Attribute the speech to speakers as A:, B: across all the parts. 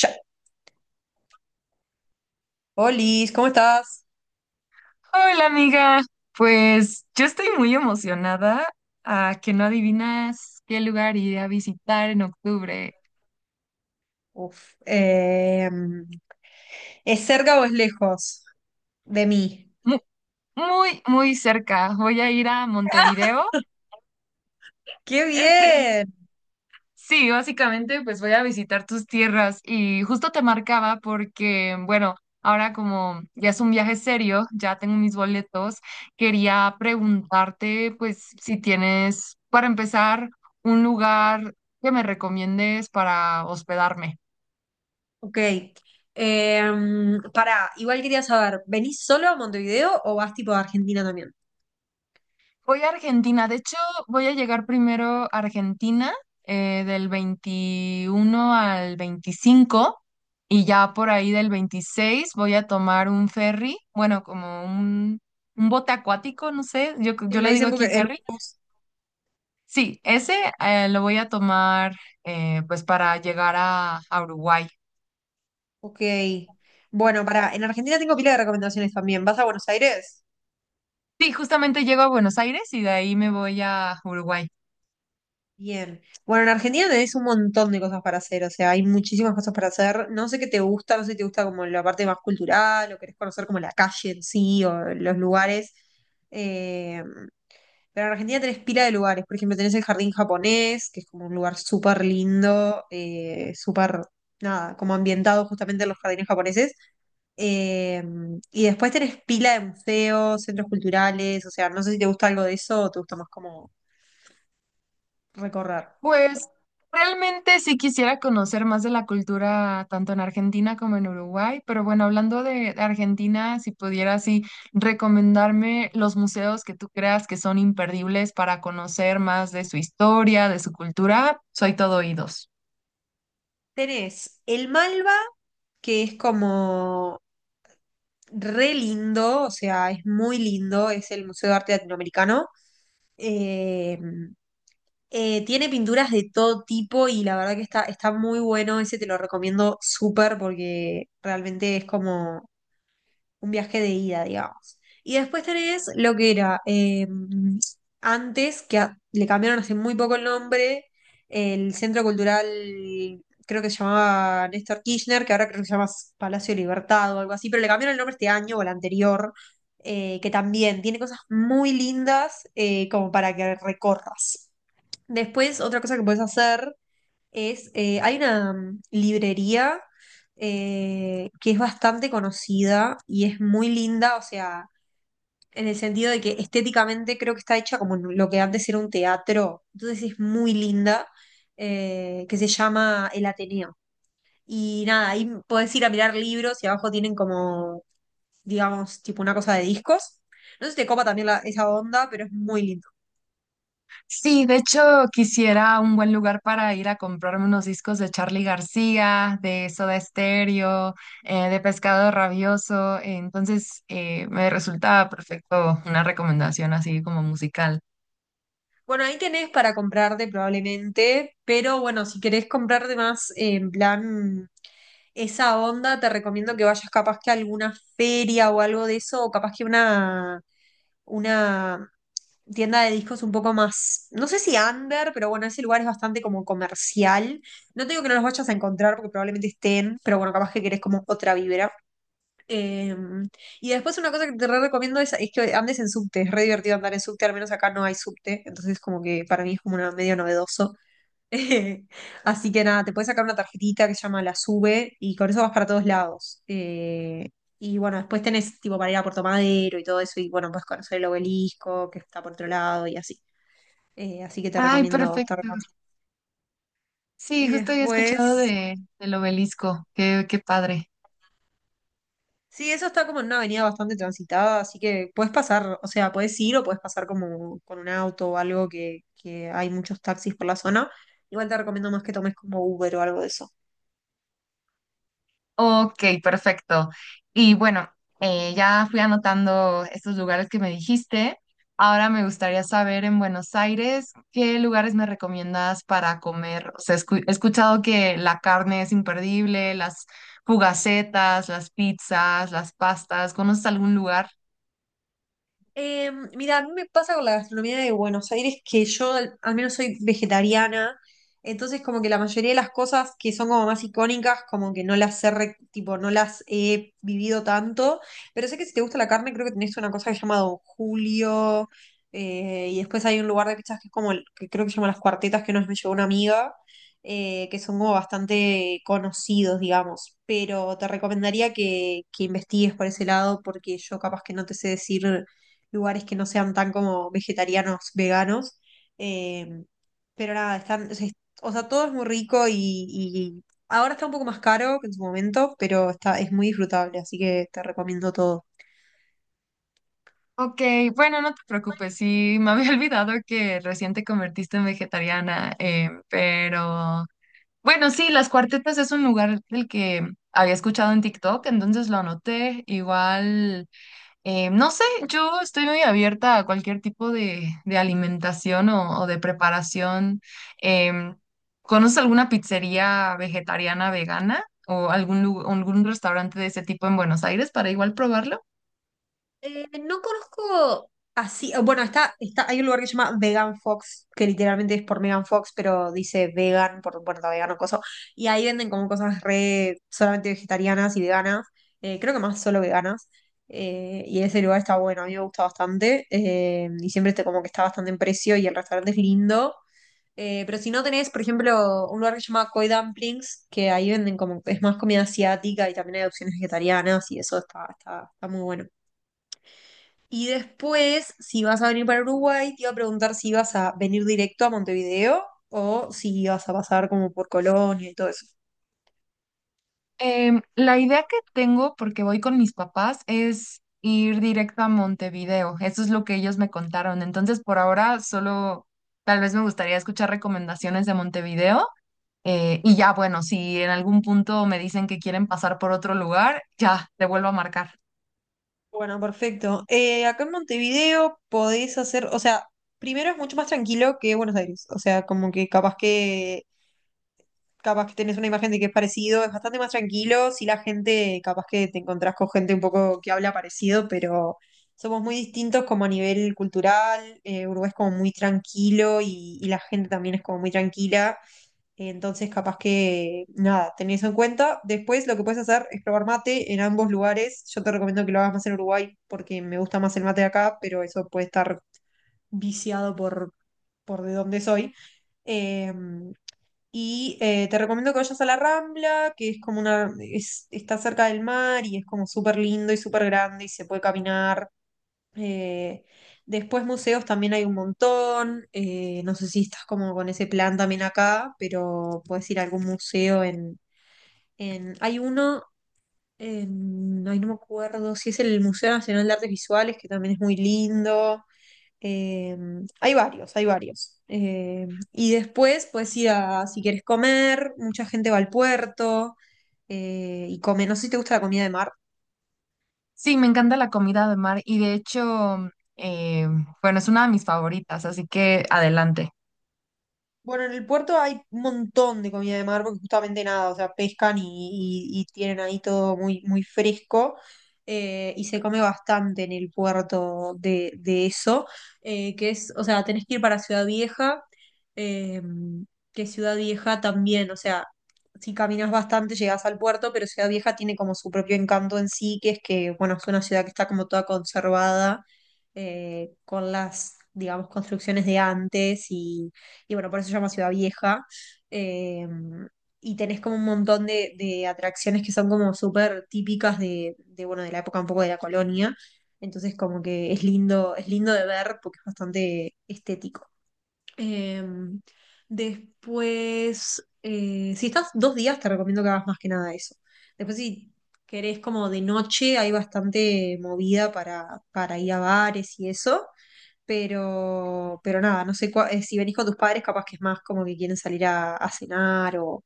A: Ya. Olis, ¿cómo estás?
B: Hola amiga, pues yo estoy muy emocionada a que no adivinas qué lugar iré a visitar en octubre.
A: Uf, eh, ¿Es cerca o es lejos de mí?
B: Mu- Muy, muy cerca. Voy a ir a Montevideo.
A: ¡Qué bien!
B: Sí, básicamente pues voy a visitar tus tierras y justo te marcaba porque, bueno, ahora como ya es un viaje serio, ya tengo mis boletos. Quería preguntarte pues si tienes, para empezar, un lugar que me recomiendes para hospedarme.
A: Ok. Eh, Pará, igual quería saber, ¿venís solo a Montevideo o vas tipo a Argentina también?
B: Voy a Argentina. De hecho, voy a llegar primero a Argentina del 21 al 25, y ya por ahí del 26 voy a tomar un ferry, bueno, como un bote acuático, no sé,
A: Sí,
B: yo
A: le
B: le digo
A: dicen porque
B: aquí
A: el
B: ferry.
A: bus.
B: Sí, ese lo voy a tomar, pues para llegar a Uruguay.
A: Ok. Bueno, pará, en Argentina tengo pila de recomendaciones también. ¿Vas a Buenos Aires?
B: Sí, justamente llego a Buenos Aires y de ahí me voy a Uruguay.
A: Bien. Bueno, en Argentina tenés un montón de cosas para hacer, o sea, hay muchísimas cosas para hacer. No sé qué te gusta, no sé si te gusta como la parte más cultural o querés conocer como la calle en sí o los lugares. Eh, pero en Argentina tenés pila de lugares, por ejemplo, tenés el Jardín Japonés, que es como un lugar súper lindo, súper, nada, como ambientado justamente en los jardines japoneses. Eh, y después tenés pila de museos, centros culturales, o sea, no sé si te gusta algo de eso o te gusta más como recorrer.
B: Pues realmente sí quisiera conocer más de la cultura tanto en Argentina como en Uruguay, pero bueno, hablando de Argentina, si pudieras, sí, recomendarme los museos que tú creas que son imperdibles para conocer más de su historia, de su cultura, soy todo oídos.
A: Tenés el Malva, que es como re lindo, o sea, es muy lindo, es el Museo de Arte Latinoamericano. Eh, Tiene pinturas de todo tipo y la verdad que está muy bueno, ese te lo recomiendo súper porque realmente es como un viaje de ida, digamos. Y después tenés lo que era antes, que le cambiaron hace muy poco el nombre, el Centro Cultural, creo que se llamaba Néstor Kirchner, que ahora creo que se llama Palacio de Libertad o algo así, pero le cambiaron el nombre este año o el anterior, que también tiene cosas muy lindas como para que recorras. Después, otra cosa que puedes hacer es, hay una librería que es bastante conocida y es muy linda, o sea, en el sentido de que estéticamente creo que está hecha como en lo que antes era un teatro, entonces es muy linda, que se llama El Ateneo. Y nada, ahí puedes ir a mirar libros y abajo tienen como, digamos, tipo una cosa de discos. No sé si te copa también esa onda, pero es muy lindo.
B: Sí, de hecho quisiera un buen lugar para ir a comprarme unos discos de Charly García, de Soda Stereo, de Pescado Rabioso. Entonces me resulta perfecto una recomendación así como musical.
A: Bueno, ahí tenés para comprarte probablemente, pero bueno, si querés comprarte más en plan esa onda, te recomiendo que vayas capaz que a alguna feria o algo de eso, o capaz que una tienda de discos un poco más, no sé si under, pero bueno, ese lugar es bastante como comercial. No te digo que no los vayas a encontrar porque probablemente estén, pero bueno, capaz que querés como otra vibra. Eh, y después una cosa que te re recomiendo es que andes en subte, es re divertido andar en subte, al menos acá no hay subte, entonces como que para mí es como una, medio novedoso. Así que nada, te puedes sacar una tarjetita que se llama la SUBE y con eso vas para todos lados. Y bueno, después tenés tipo para ir a Puerto Madero y todo eso y bueno, puedes conocer el obelisco que está por otro lado y así. Así que te
B: Ay,
A: recomiendo, te
B: perfecto.
A: recomiendo.
B: Sí,
A: Y
B: justo había escuchado
A: después...
B: del Obelisco. Qué padre.
A: Sí, eso está como en una avenida bastante transitada, así que puedes pasar, o sea, puedes ir o puedes pasar como con un auto o algo que hay muchos taxis por la zona. Igual te recomiendo más que tomes como Uber o algo de eso.
B: Ok, perfecto. Y bueno, ya fui anotando estos lugares que me dijiste. Ahora me gustaría saber en Buenos Aires, ¿qué lugares me recomiendas para comer? O sea, he escuchado que la carne es imperdible, las fugacetas, las pizzas, las pastas. ¿Conoces algún lugar?
A: Mira, a mí me pasa con la gastronomía de Buenos Aires que yo al menos soy vegetariana, entonces como que la mayoría de las cosas que son como más icónicas, como que no las tipo, no las he vivido tanto, pero sé que si te gusta la carne, creo que tenés una cosa que se llama Don Julio, y después hay un lugar de pizzas que es como, que creo que se llama Las Cuartetas, que nos me llevó una amiga, que son como bastante conocidos, digamos, pero te recomendaría que investigues por ese lado porque yo capaz que no te sé decir lugares que no sean tan como vegetarianos, veganos. eh, pero nada, están, o sea, o sea, todo es muy rico y ahora está un poco más caro que en su momento, pero está, es muy disfrutable, así que te recomiendo todo.
B: Ok, bueno, no te preocupes, sí, me había olvidado que recién te convertiste en vegetariana, pero bueno, sí, Las Cuartetas es un lugar del que había escuchado en TikTok, entonces lo anoté. Igual, no sé, yo estoy muy abierta a cualquier tipo de alimentación o de preparación. Em, ¿Conoces alguna pizzería vegetariana vegana o algún restaurante de ese tipo en Buenos Aires para igual probarlo?
A: No conozco así, o bueno, está, hay un lugar que se llama Vegan Fox, que literalmente es por Megan Fox, pero dice vegan, por, bueno, está vegano, coso, y ahí venden como cosas re solamente vegetarianas y veganas, creo que más solo veganas, y ese lugar está bueno, a mí me gusta bastante, y siempre este como que está bastante en precio y el restaurante es lindo. Pero si no tenés, por ejemplo, un lugar que se llama Koi Dumplings, que ahí venden como, es más comida asiática y también hay opciones vegetarianas y eso está, está muy bueno. Y después, si vas a venir para Uruguay, te iba a preguntar si ibas a venir directo a Montevideo o si ibas a pasar como por Colonia y todo eso.
B: Em, la idea que tengo, porque voy con mis papás, es ir directo a Montevideo. Eso es lo que ellos me contaron. Entonces, por ahora, solo tal vez me gustaría escuchar recomendaciones de Montevideo. Y ya, bueno, si en algún punto me dicen que quieren pasar por otro lugar, ya, te vuelvo a marcar.
A: Bueno, perfecto. Acá en Montevideo podés hacer, o sea, primero es mucho más tranquilo que Buenos Aires. O sea, como que capaz que tenés una imagen de que es parecido, es bastante más tranquilo, si la gente, capaz que te encontrás con gente un poco que habla parecido, pero somos muy distintos como a nivel cultural, Uruguay es como muy tranquilo y la gente también es como muy tranquila, entonces capaz que, nada, tenés eso en cuenta. Después lo que puedes hacer es probar mate en ambos lugares, yo te recomiendo que lo hagas más en Uruguay porque me gusta más el mate de acá, pero eso puede estar viciado por de dónde soy. Eh, Te recomiendo que vayas a la Rambla, que es como una, está cerca del mar y es como súper lindo y súper grande y se puede caminar. Eh, Después museos también hay un montón. No sé si estás como con ese plan también acá, pero puedes ir a algún museo en hay uno, en, ay, no me acuerdo si es el Museo Nacional de Artes Visuales, que también es muy lindo. Eh, Hay varios, hay varios. Y después puedes ir a, si quieres comer, mucha gente va al puerto y come. No sé si te gusta la comida de mar.
B: Sí, me encanta la comida de mar y de hecho, bueno, es una de mis favoritas, así que adelante.
A: Bueno, en el puerto hay un montón de comida de mar porque justamente nada, o sea, pescan y tienen ahí todo muy, muy fresco y se come bastante en el puerto de eso, que es, o sea, tenés que ir para Ciudad Vieja, eh, que Ciudad Vieja también, o sea, si caminas bastante llegás al puerto, pero Ciudad Vieja tiene como su propio encanto en sí, que es que, bueno, es una ciudad que está como toda conservada con las, digamos, construcciones de antes y bueno, por eso se llama Ciudad Vieja. Eh, y tenés como un montón de atracciones que son como súper típicas bueno, de la época un poco de la colonia. Entonces como que es lindo de ver porque es bastante estético. Em, Después, si estás dos días, te recomiendo que hagas más que nada eso. Después, si querés como de noche, hay bastante movida para ir a bares y eso. Pero nada, no sé si venís con tus padres, capaz que es más como que quieren salir a cenar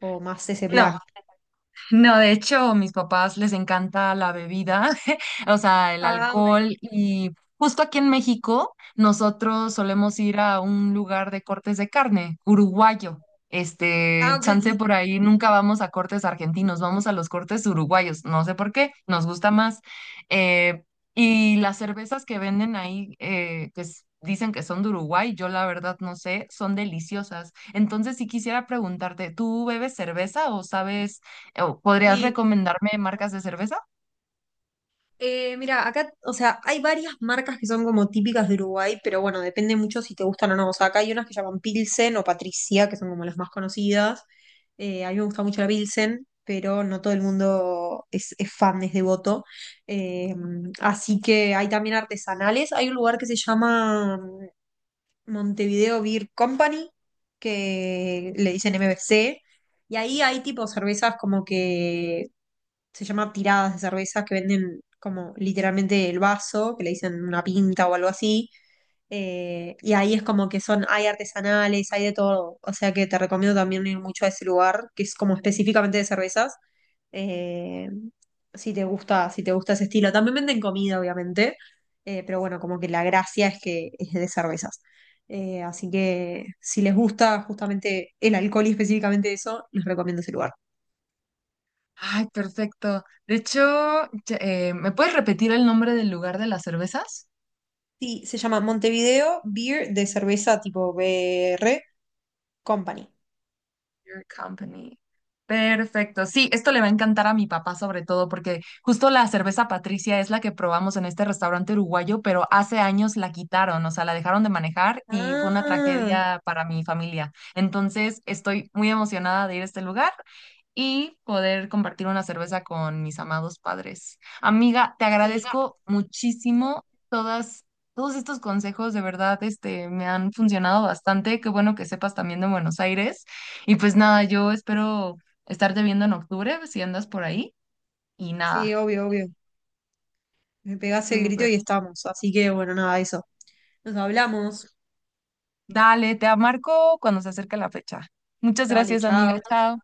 A: o más ese
B: No,
A: plan.
B: no, de hecho, mis papás les encanta la bebida, o sea, el
A: Ah, ok.
B: alcohol. Y justo aquí en México nosotros solemos ir a un lugar de cortes de carne, uruguayo. Este,
A: Ah, ok.
B: chance por ahí, nunca vamos a cortes argentinos, vamos a los cortes uruguayos, no sé por qué, nos gusta más. Eh, y las cervezas que venden ahí, que dicen que son de Uruguay, yo la verdad no sé, son deliciosas. Entonces, si quisiera preguntarte, ¿tú bebes cerveza o sabes, o podrías
A: Sí.
B: recomendarme marcas de cerveza?
A: Mira, acá, o sea, hay varias marcas que son como típicas de Uruguay, pero bueno, depende mucho si te gustan o no. O sea, acá hay unas que llaman Pilsen o Patricia, que son como las más conocidas. A mí me gusta mucho la Pilsen, pero no todo el mundo es fan, es devoto. Eh, Así que hay también artesanales. Hay un lugar que se llama Montevideo Beer Company, que le dicen MBC, y ahí hay tipo cervezas como que se llama tiradas de cervezas que venden como literalmente el vaso, que le dicen una pinta o algo así. Y ahí es como que son, hay artesanales, hay de todo. O sea que te recomiendo también ir mucho a ese lugar, que es como específicamente de cervezas. eh, si te gusta, si te gusta ese estilo. También venden comida, obviamente. Pero bueno, como que la gracia es que es de cervezas. Así que si les gusta justamente el alcohol y específicamente eso, les recomiendo ese lugar.
B: Ay, perfecto. De hecho, ¿me puedes repetir el nombre del lugar de las cervezas?
A: Sí, se llama Montevideo Beer de cerveza tipo B R Company.
B: Your Company. Perfecto. Sí, esto le va a encantar a mi papá sobre todo porque justo la cerveza Patricia es la que probamos en este restaurante uruguayo, pero hace años la quitaron, o sea, la dejaron de manejar y fue una
A: Ah,
B: tragedia para mi familia. Entonces, estoy muy emocionada de ir a este lugar y poder compartir una cerveza con mis amados padres. Amiga, te
A: sí,
B: agradezco muchísimo todas, todos estos consejos, de verdad, este, me han funcionado bastante. Qué bueno que sepas también de Buenos Aires. Y pues nada, yo espero estarte viendo en octubre, si andas por ahí. Y
A: sí,
B: nada,
A: obvio, obvio. Me pegás el grito
B: súper.
A: y estamos. Así que bueno, nada, eso. Nos hablamos.
B: Dale, te marco cuando se acerque la fecha. Muchas
A: Dale,
B: gracias,
A: chao.
B: amiga. Chao.